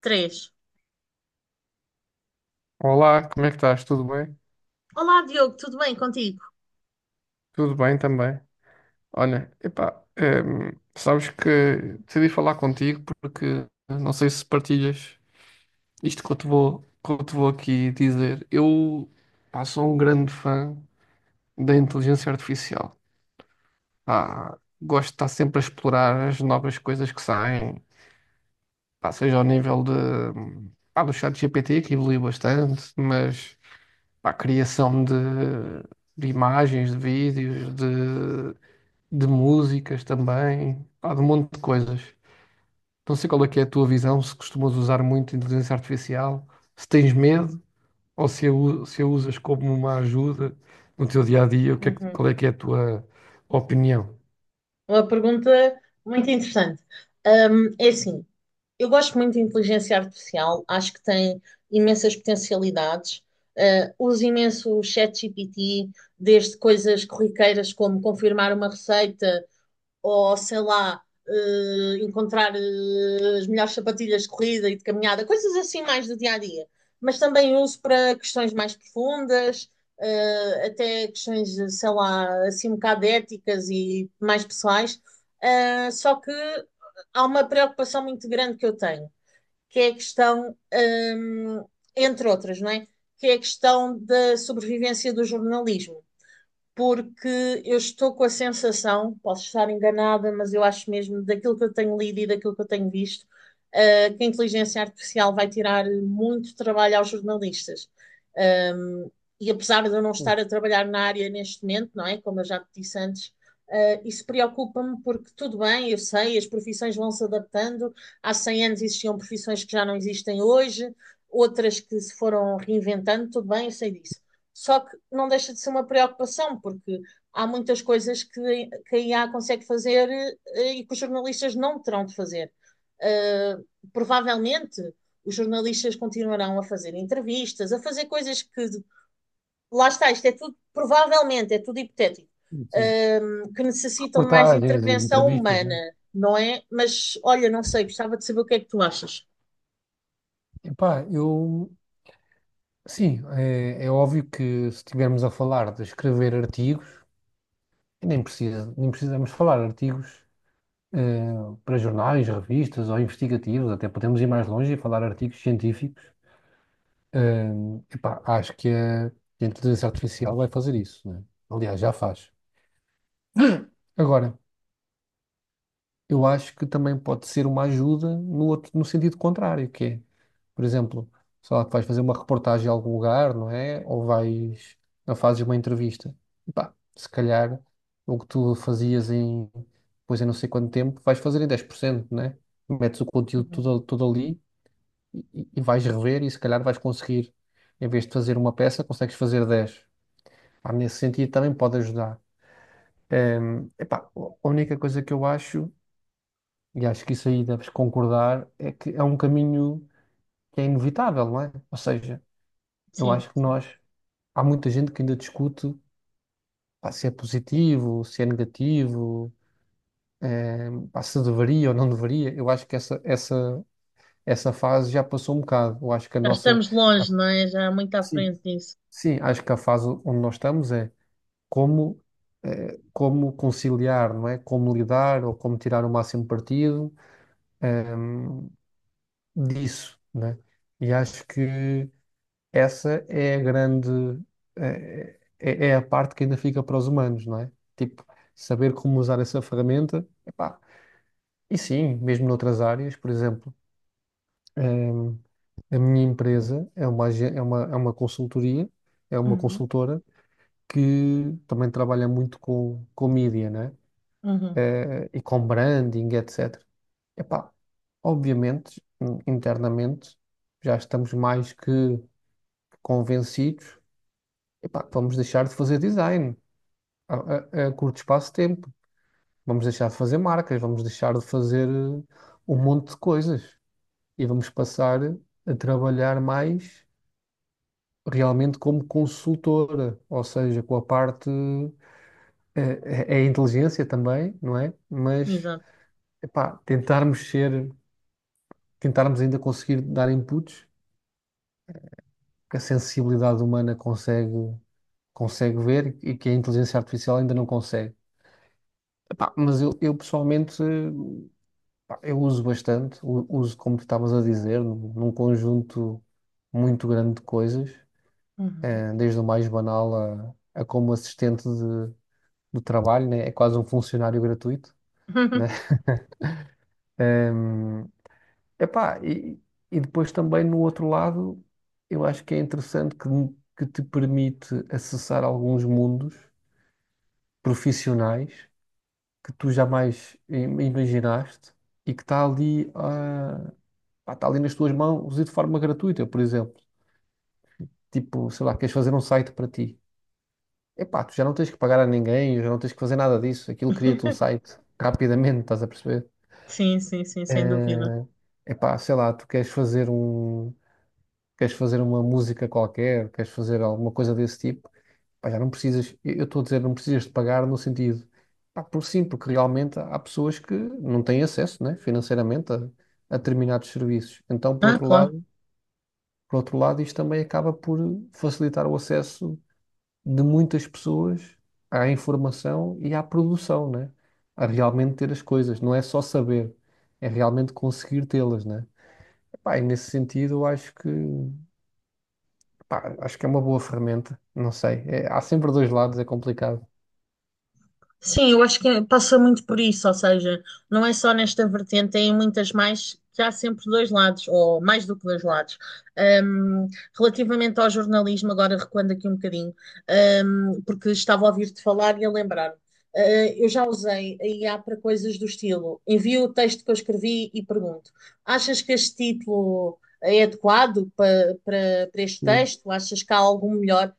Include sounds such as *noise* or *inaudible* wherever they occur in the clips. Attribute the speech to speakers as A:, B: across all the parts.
A: Três.
B: Olá, como é que estás? Tudo bem?
A: Olá, Diogo, tudo bem contigo?
B: Tudo bem também. Olha, epá, sabes que decidi falar contigo porque não sei se partilhas isto que eu te vou aqui dizer. Eu, pá, sou um grande fã da inteligência artificial. Pá, gosto de estar sempre a explorar as novas coisas que saem, pá, seja ao nível de, pá, do ChatGPT, que evoluiu bastante, mas para a criação de imagens, de vídeos, de músicas também, pá, de um monte de coisas. Não sei qual é que é a tua visão, se costumas usar muito inteligência artificial, se tens medo ou se a, se a usas como uma ajuda no teu dia a dia, o que é que-
A: Uhum.
B: qual é que é a tua opinião?
A: Uma pergunta muito interessante. É assim, eu gosto muito de inteligência artificial, acho que tem imensas potencialidades. Ah, uso imenso o ChatGPT, desde coisas corriqueiras como confirmar uma receita, ou sei lá, encontrar as melhores sapatilhas de corrida e de caminhada, coisas assim mais do dia a dia. Mas também uso para questões mais profundas, até questões, sei lá, assim um bocado éticas e mais pessoais. Só que há uma preocupação muito grande que eu tenho, que é a questão, entre outras, não é? Que é a questão da sobrevivência do jornalismo porque eu estou com a sensação, posso estar enganada, mas eu acho mesmo, daquilo que eu tenho lido e daquilo que eu tenho visto, que a inteligência artificial vai tirar muito trabalho aos jornalistas. Um, e apesar de eu não estar a trabalhar na área neste momento, não é? Como eu já te disse antes, isso preocupa-me porque tudo bem, eu sei, as profissões vão se adaptando. Há 100 anos existiam profissões que já não existem hoje, outras que se foram reinventando, tudo bem, eu sei disso. Só que não deixa de ser uma preocupação, porque há muitas coisas que a IA consegue fazer e que os jornalistas não terão de fazer. Uh, provavelmente os jornalistas continuarão a fazer entrevistas, a fazer coisas que, lá está, isto é tudo, provavelmente, é tudo hipotético,
B: Enfim,
A: que necessitam de mais
B: reportagens,
A: intervenção
B: entrevistas,
A: humana,
B: né?
A: não é? Mas, olha, não sei, gostava de saber o que é que tu achas.
B: Epá, eu sim, é, é óbvio que se estivermos a falar de escrever artigos, nem precisamos falar artigos. Eh, para jornais, revistas ou investigativos, até podemos ir mais longe e falar artigos científicos. Eh, epá, acho que que a inteligência artificial vai fazer isso, né? Aliás, já faz. Agora, eu acho que também pode ser uma ajuda no outro, no sentido contrário, que é, por exemplo, sei lá, que vais fazer uma reportagem em algum lugar, não é? Ou vais, ou fazes uma entrevista. Epá, se calhar o que tu fazias em, pois em não sei quanto tempo, vais fazer em 10%, né? Metes o conteúdo
A: Uhum.
B: todo ali e, vais rever e se calhar vais conseguir, em vez de fazer uma peça, consegues fazer dez. Pá, nesse sentido também pode ajudar. Epá, a única coisa que eu acho, e acho que isso aí deves concordar, é que é um caminho que é inevitável, não é? Ou seja, eu
A: Sim,
B: acho que
A: sim.
B: nós, há muita gente que ainda discute, pá, se é positivo, se é negativo, pá, se deveria ou não deveria. Eu acho que essa fase já passou um bocado. Eu acho que a
A: Já
B: nossa.
A: estamos longe, não é? Já muito à
B: Sim,
A: frente disso.
B: sim, acho que a fase onde nós estamos é como, eh, como conciliar, não é? Como lidar ou como tirar o máximo partido, ehm, disso, né? E acho que essa é a grande, eh, é a parte que ainda fica para os humanos, não é? Tipo, saber como usar essa ferramenta, epá. E sim, mesmo noutras áreas, por exemplo, ehm, a minha empresa é uma, agen- é uma consultoria, é uma
A: Uhum.
B: consultora que também trabalha muito com mídia, né?
A: Uhum.
B: Eh, e com branding, etc. Epá, obviamente, internamente, já estamos mais que convencidos, epá, que vamos deixar de fazer design a, a curto espaço de tempo. Vamos deixar de fazer marcas, vamos deixar de fazer eh, um monte de coisas e vamos passar a trabalhar mais realmente como consultora, ou seja, com a parte é, é inteligência também, não é? Mas
A: Exato.
B: epá, tentarmos ainda conseguir dar inputs que a sensibilidade humana consegue, consegue ver e que a inteligência artificial ainda não consegue. Epá, mas eu pessoalmente, eh, pá, eu uso bastante, uso como tu estavas a dizer, num conjunto muito grande de coisas,
A: Uhum.
B: eh, desde o mais banal a como assistente de, do trabalho, né? É quase um funcionário gratuito, né?
A: *laughs*
B: *laughs* Epá, e depois também no outro lado, eu acho que é interessante que te permite acessar alguns mundos profissionais que tu jamais imaginaste e que está ali, ah, pá, está ali nas tuas mãos e de forma gratuita, por exemplo. Tipo, sei lá, queres fazer um site para ti. Epá, tu já não tens que pagar a ninguém, já não tens que fazer nada disso. Aquilo cria-te um site rapidamente, estás a perceber?
A: Sim, sim, sim, sem
B: é
A: dúvida.
B: Epá, sei lá, tu queres fazer um queres fazer uma música qualquer, queres fazer alguma coisa desse tipo, pá, já não precisas, eu estou a dizer, não precisas de pagar no sentido, pá, por sim, porque realmente há pessoas que não têm acesso, né, financeiramente a determinados serviços. Então,
A: Ah, claro.
B: por outro lado, isto também acaba por facilitar o acesso de muitas pessoas à informação e à produção, né? A realmente ter as coisas, não é só saber, é realmente conseguir tê-las, né? Pá, e nesse sentido, eu acho que Pá, acho que é uma boa ferramenta, não sei. Há sempre dois lados, é complicado.
A: Sim, eu acho que passa muito por isso, ou seja, não é só nesta vertente, tem muitas mais que há sempre dois lados, ou mais do que dois lados. Um, relativamente ao jornalismo, agora recuando aqui um bocadinho, porque estava a ouvir-te falar e a lembrar. Eu já usei a IA para coisas do estilo. Envio o texto que eu escrevi e pergunto: achas que este título é adequado para este
B: Sim.
A: texto? Achas que há algum melhor?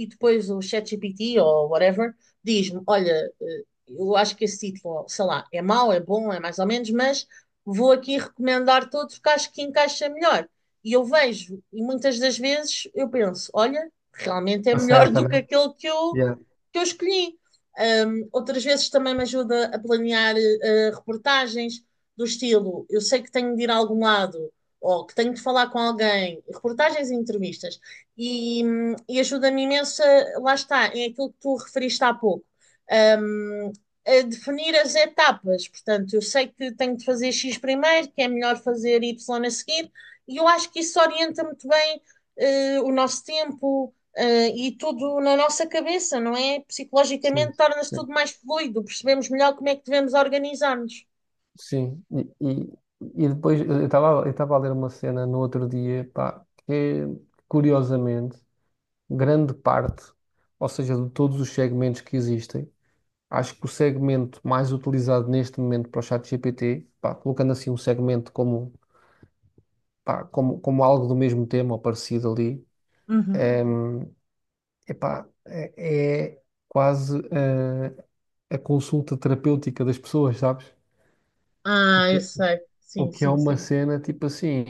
A: E depois o ChatGPT ou whatever diz-me: Olha, eu acho que esse título, sei lá, é mau, é bom, é mais ou menos, mas vou aqui recomendar todos que acho que encaixa melhor. E eu vejo, e muitas das vezes eu penso: Olha, realmente é melhor
B: Acerta,
A: do que
B: né?
A: aquele que eu,
B: Yeah,
A: que eu escolhi. Outras vezes também me ajuda a planear reportagens do estilo: eu sei que tenho de ir a algum lado ou que tenho de falar com alguém, reportagens e entrevistas, e ajuda-me imenso, lá está, é aquilo que tu referiste há pouco, hum, a definir as etapas. Portanto, eu sei que tenho de fazer X primeiro, que é melhor fazer Y a seguir, e eu acho que isso orienta muito bem, o nosso tempo, e tudo na nossa cabeça, não é?
B: sim.
A: Psicologicamente torna-se
B: É.
A: tudo mais fluido, percebemos melhor como é que devemos organizar-nos.
B: Sim, e depois eu estava a ler uma cena no outro dia, pá, que é, curiosamente, grande parte, ou seja, de todos os segmentos que existem, acho que o segmento mais utilizado neste momento para o ChatGPT, pá, colocando assim um segmento como, pá, como algo do mesmo tema ou parecido ali,
A: Uhum.
B: é, Epá, é, é quase eh, consulta terapêutica das pessoas, sabes?
A: Ah, eu sei.
B: O
A: Sim,
B: que é
A: sim,
B: uma
A: sim.
B: cena tipo assim,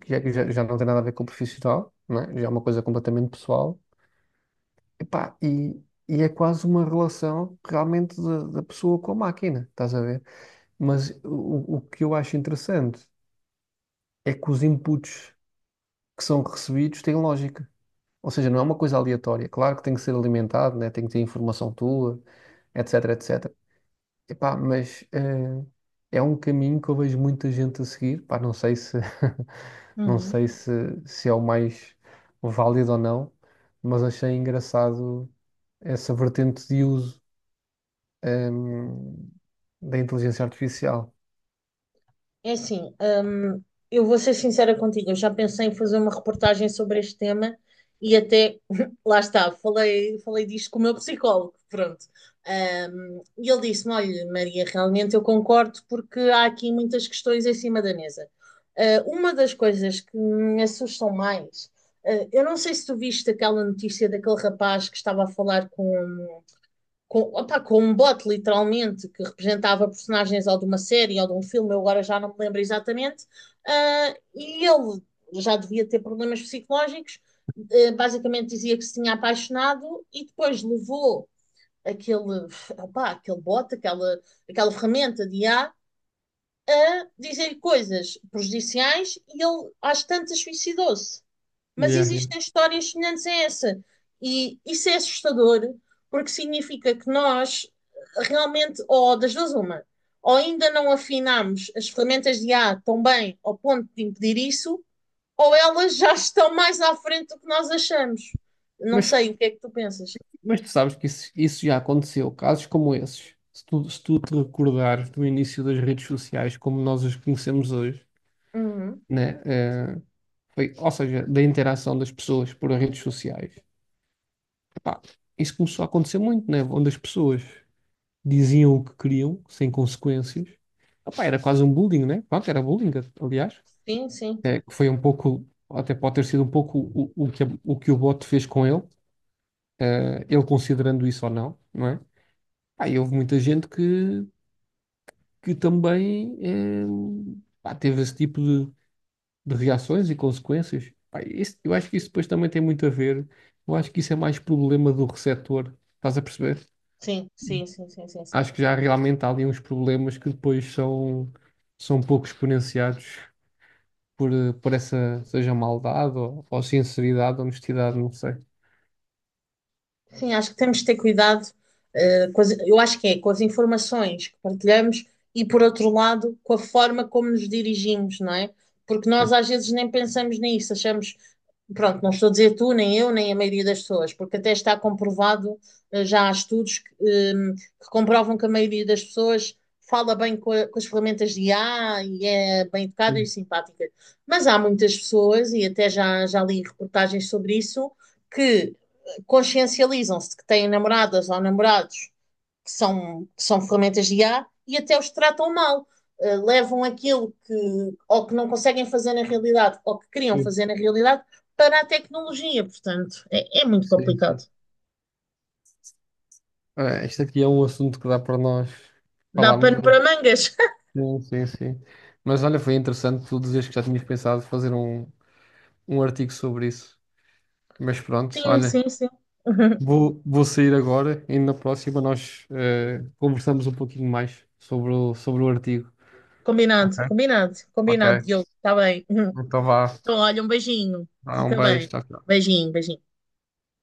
B: que já não tem nada a ver com o profissional, não é? Já é uma coisa completamente pessoal. Epá, e é quase uma relação realmente da, da pessoa com a máquina, estás a ver? Mas o que eu acho interessante é que os inputs que são recebidos têm lógica. Ou seja, não é uma coisa aleatória. Claro que tem que ser alimentado, né? Tem que ter informação tua etc, etc. Epá, mas eh, é um caminho que eu vejo muita gente a seguir. Pá, não sei se *laughs* não
A: Uhum.
B: sei se, se é o mais válido ou não, mas achei engraçado essa vertente de uso ehm, da inteligência artificial.
A: É assim, eu vou ser sincera contigo, eu já pensei em fazer uma reportagem sobre este tema e até, *laughs* lá está, falei disto com o meu psicólogo, pronto. E ele disse-me, olha, Maria, realmente eu concordo porque há aqui muitas questões em cima da mesa. Ah, uma das coisas que me assustam mais, eu não sei se tu viste aquela notícia daquele rapaz que estava a falar com, opá, com um bot, literalmente, que representava personagens ou de uma série ou de um filme, eu agora já não me lembro exatamente, e ele já devia ter problemas psicológicos, basicamente dizia que se tinha apaixonado e depois levou aquele, opá, aquele bot, aquela ferramenta de IA, a dizer coisas prejudiciais e ele às tantas suicidou-se. Mas
B: Yeah, yeah.
A: existem histórias semelhantes a essa. E isso é assustador, porque significa que nós realmente, ou das duas uma, ou ainda não afinamos as ferramentas de IA tão bem ao ponto de impedir isso, ou elas já estão mais à frente do que nós achamos. Não
B: Mas,
A: sei, o que é que tu pensas?
B: mas tu sabes que isso já aconteceu, casos como esses. Se tu te recordares do início das redes sociais como nós as conhecemos hoje,
A: Uhum.
B: né? Eh, foi, ou seja, da interação das pessoas por redes sociais. Pá, isso começou a acontecer muito, né? Onde as pessoas diziam o que queriam, sem consequências. Ah, pá, era quase um bullying, né? Pronto, era bullying, aliás.
A: Sim, sim,
B: É, que foi um pouco, até pode ter sido um pouco o que o bot fez com ele, eh, ele considerando isso ou não, não é? Pá, e houve muita gente que também eh, pá, teve esse tipo de reações e consequências. Pá, eu acho que isso depois também tem muito a ver. Eu acho que isso é mais problema do receptor, estás a perceber?
A: sim, sim, sim, sim, sim, sim.
B: Acho que já realmente há ali uns problemas que depois são, são pouco exponenciados por, eh, por essa, seja maldade ou sinceridade, honestidade, não sei.
A: Sim, acho que temos de ter cuidado, com eu acho que é com as informações que partilhamos e, por outro lado, com a forma como nos dirigimos, não é? Porque nós
B: Sim,
A: às vezes nem pensamos nisso, achamos. Pronto, não estou a dizer tu, nem eu, nem a maioria das pessoas, porque até está comprovado, já há estudos que comprovam que a maioria das pessoas fala bem com, com as ferramentas de IA e é bem educada e
B: sim,
A: simpática. Mas há muitas pessoas, e até já li reportagens sobre isso, que consciencializam-se de que têm namoradas ou namorados que são ferramentas de IA e até os tratam mal. Levam aquilo que, ou que não conseguem fazer na realidade, ou que queriam
B: sim.
A: fazer na realidade, para a tecnologia, portanto, é muito
B: Sim,
A: complicado.
B: sim. Ah, este aqui é um assunto que dá para nós
A: Dá
B: falarmos.
A: pano para mangas. *laughs*
B: Sim, sim, sim. Mas olha, foi interessante tu dizeres que já tinhas pensado fazer um artigo sobre isso. Mas pronto,
A: Sim,
B: olha,
A: sim, sim. *laughs*
B: vou, vou sair agora e na próxima nós eh, conversamos um pouquinho mais sobre sobre o artigo.
A: Combinado,
B: Ok,
A: combinado, combinado,
B: ok.
A: Diogo. Está bem. *laughs*
B: Então vá.
A: Então, olha, um beijinho.
B: Vá, um
A: Fica bem.
B: beijo. Tchau, tchau.
A: Beijinho, beijinho.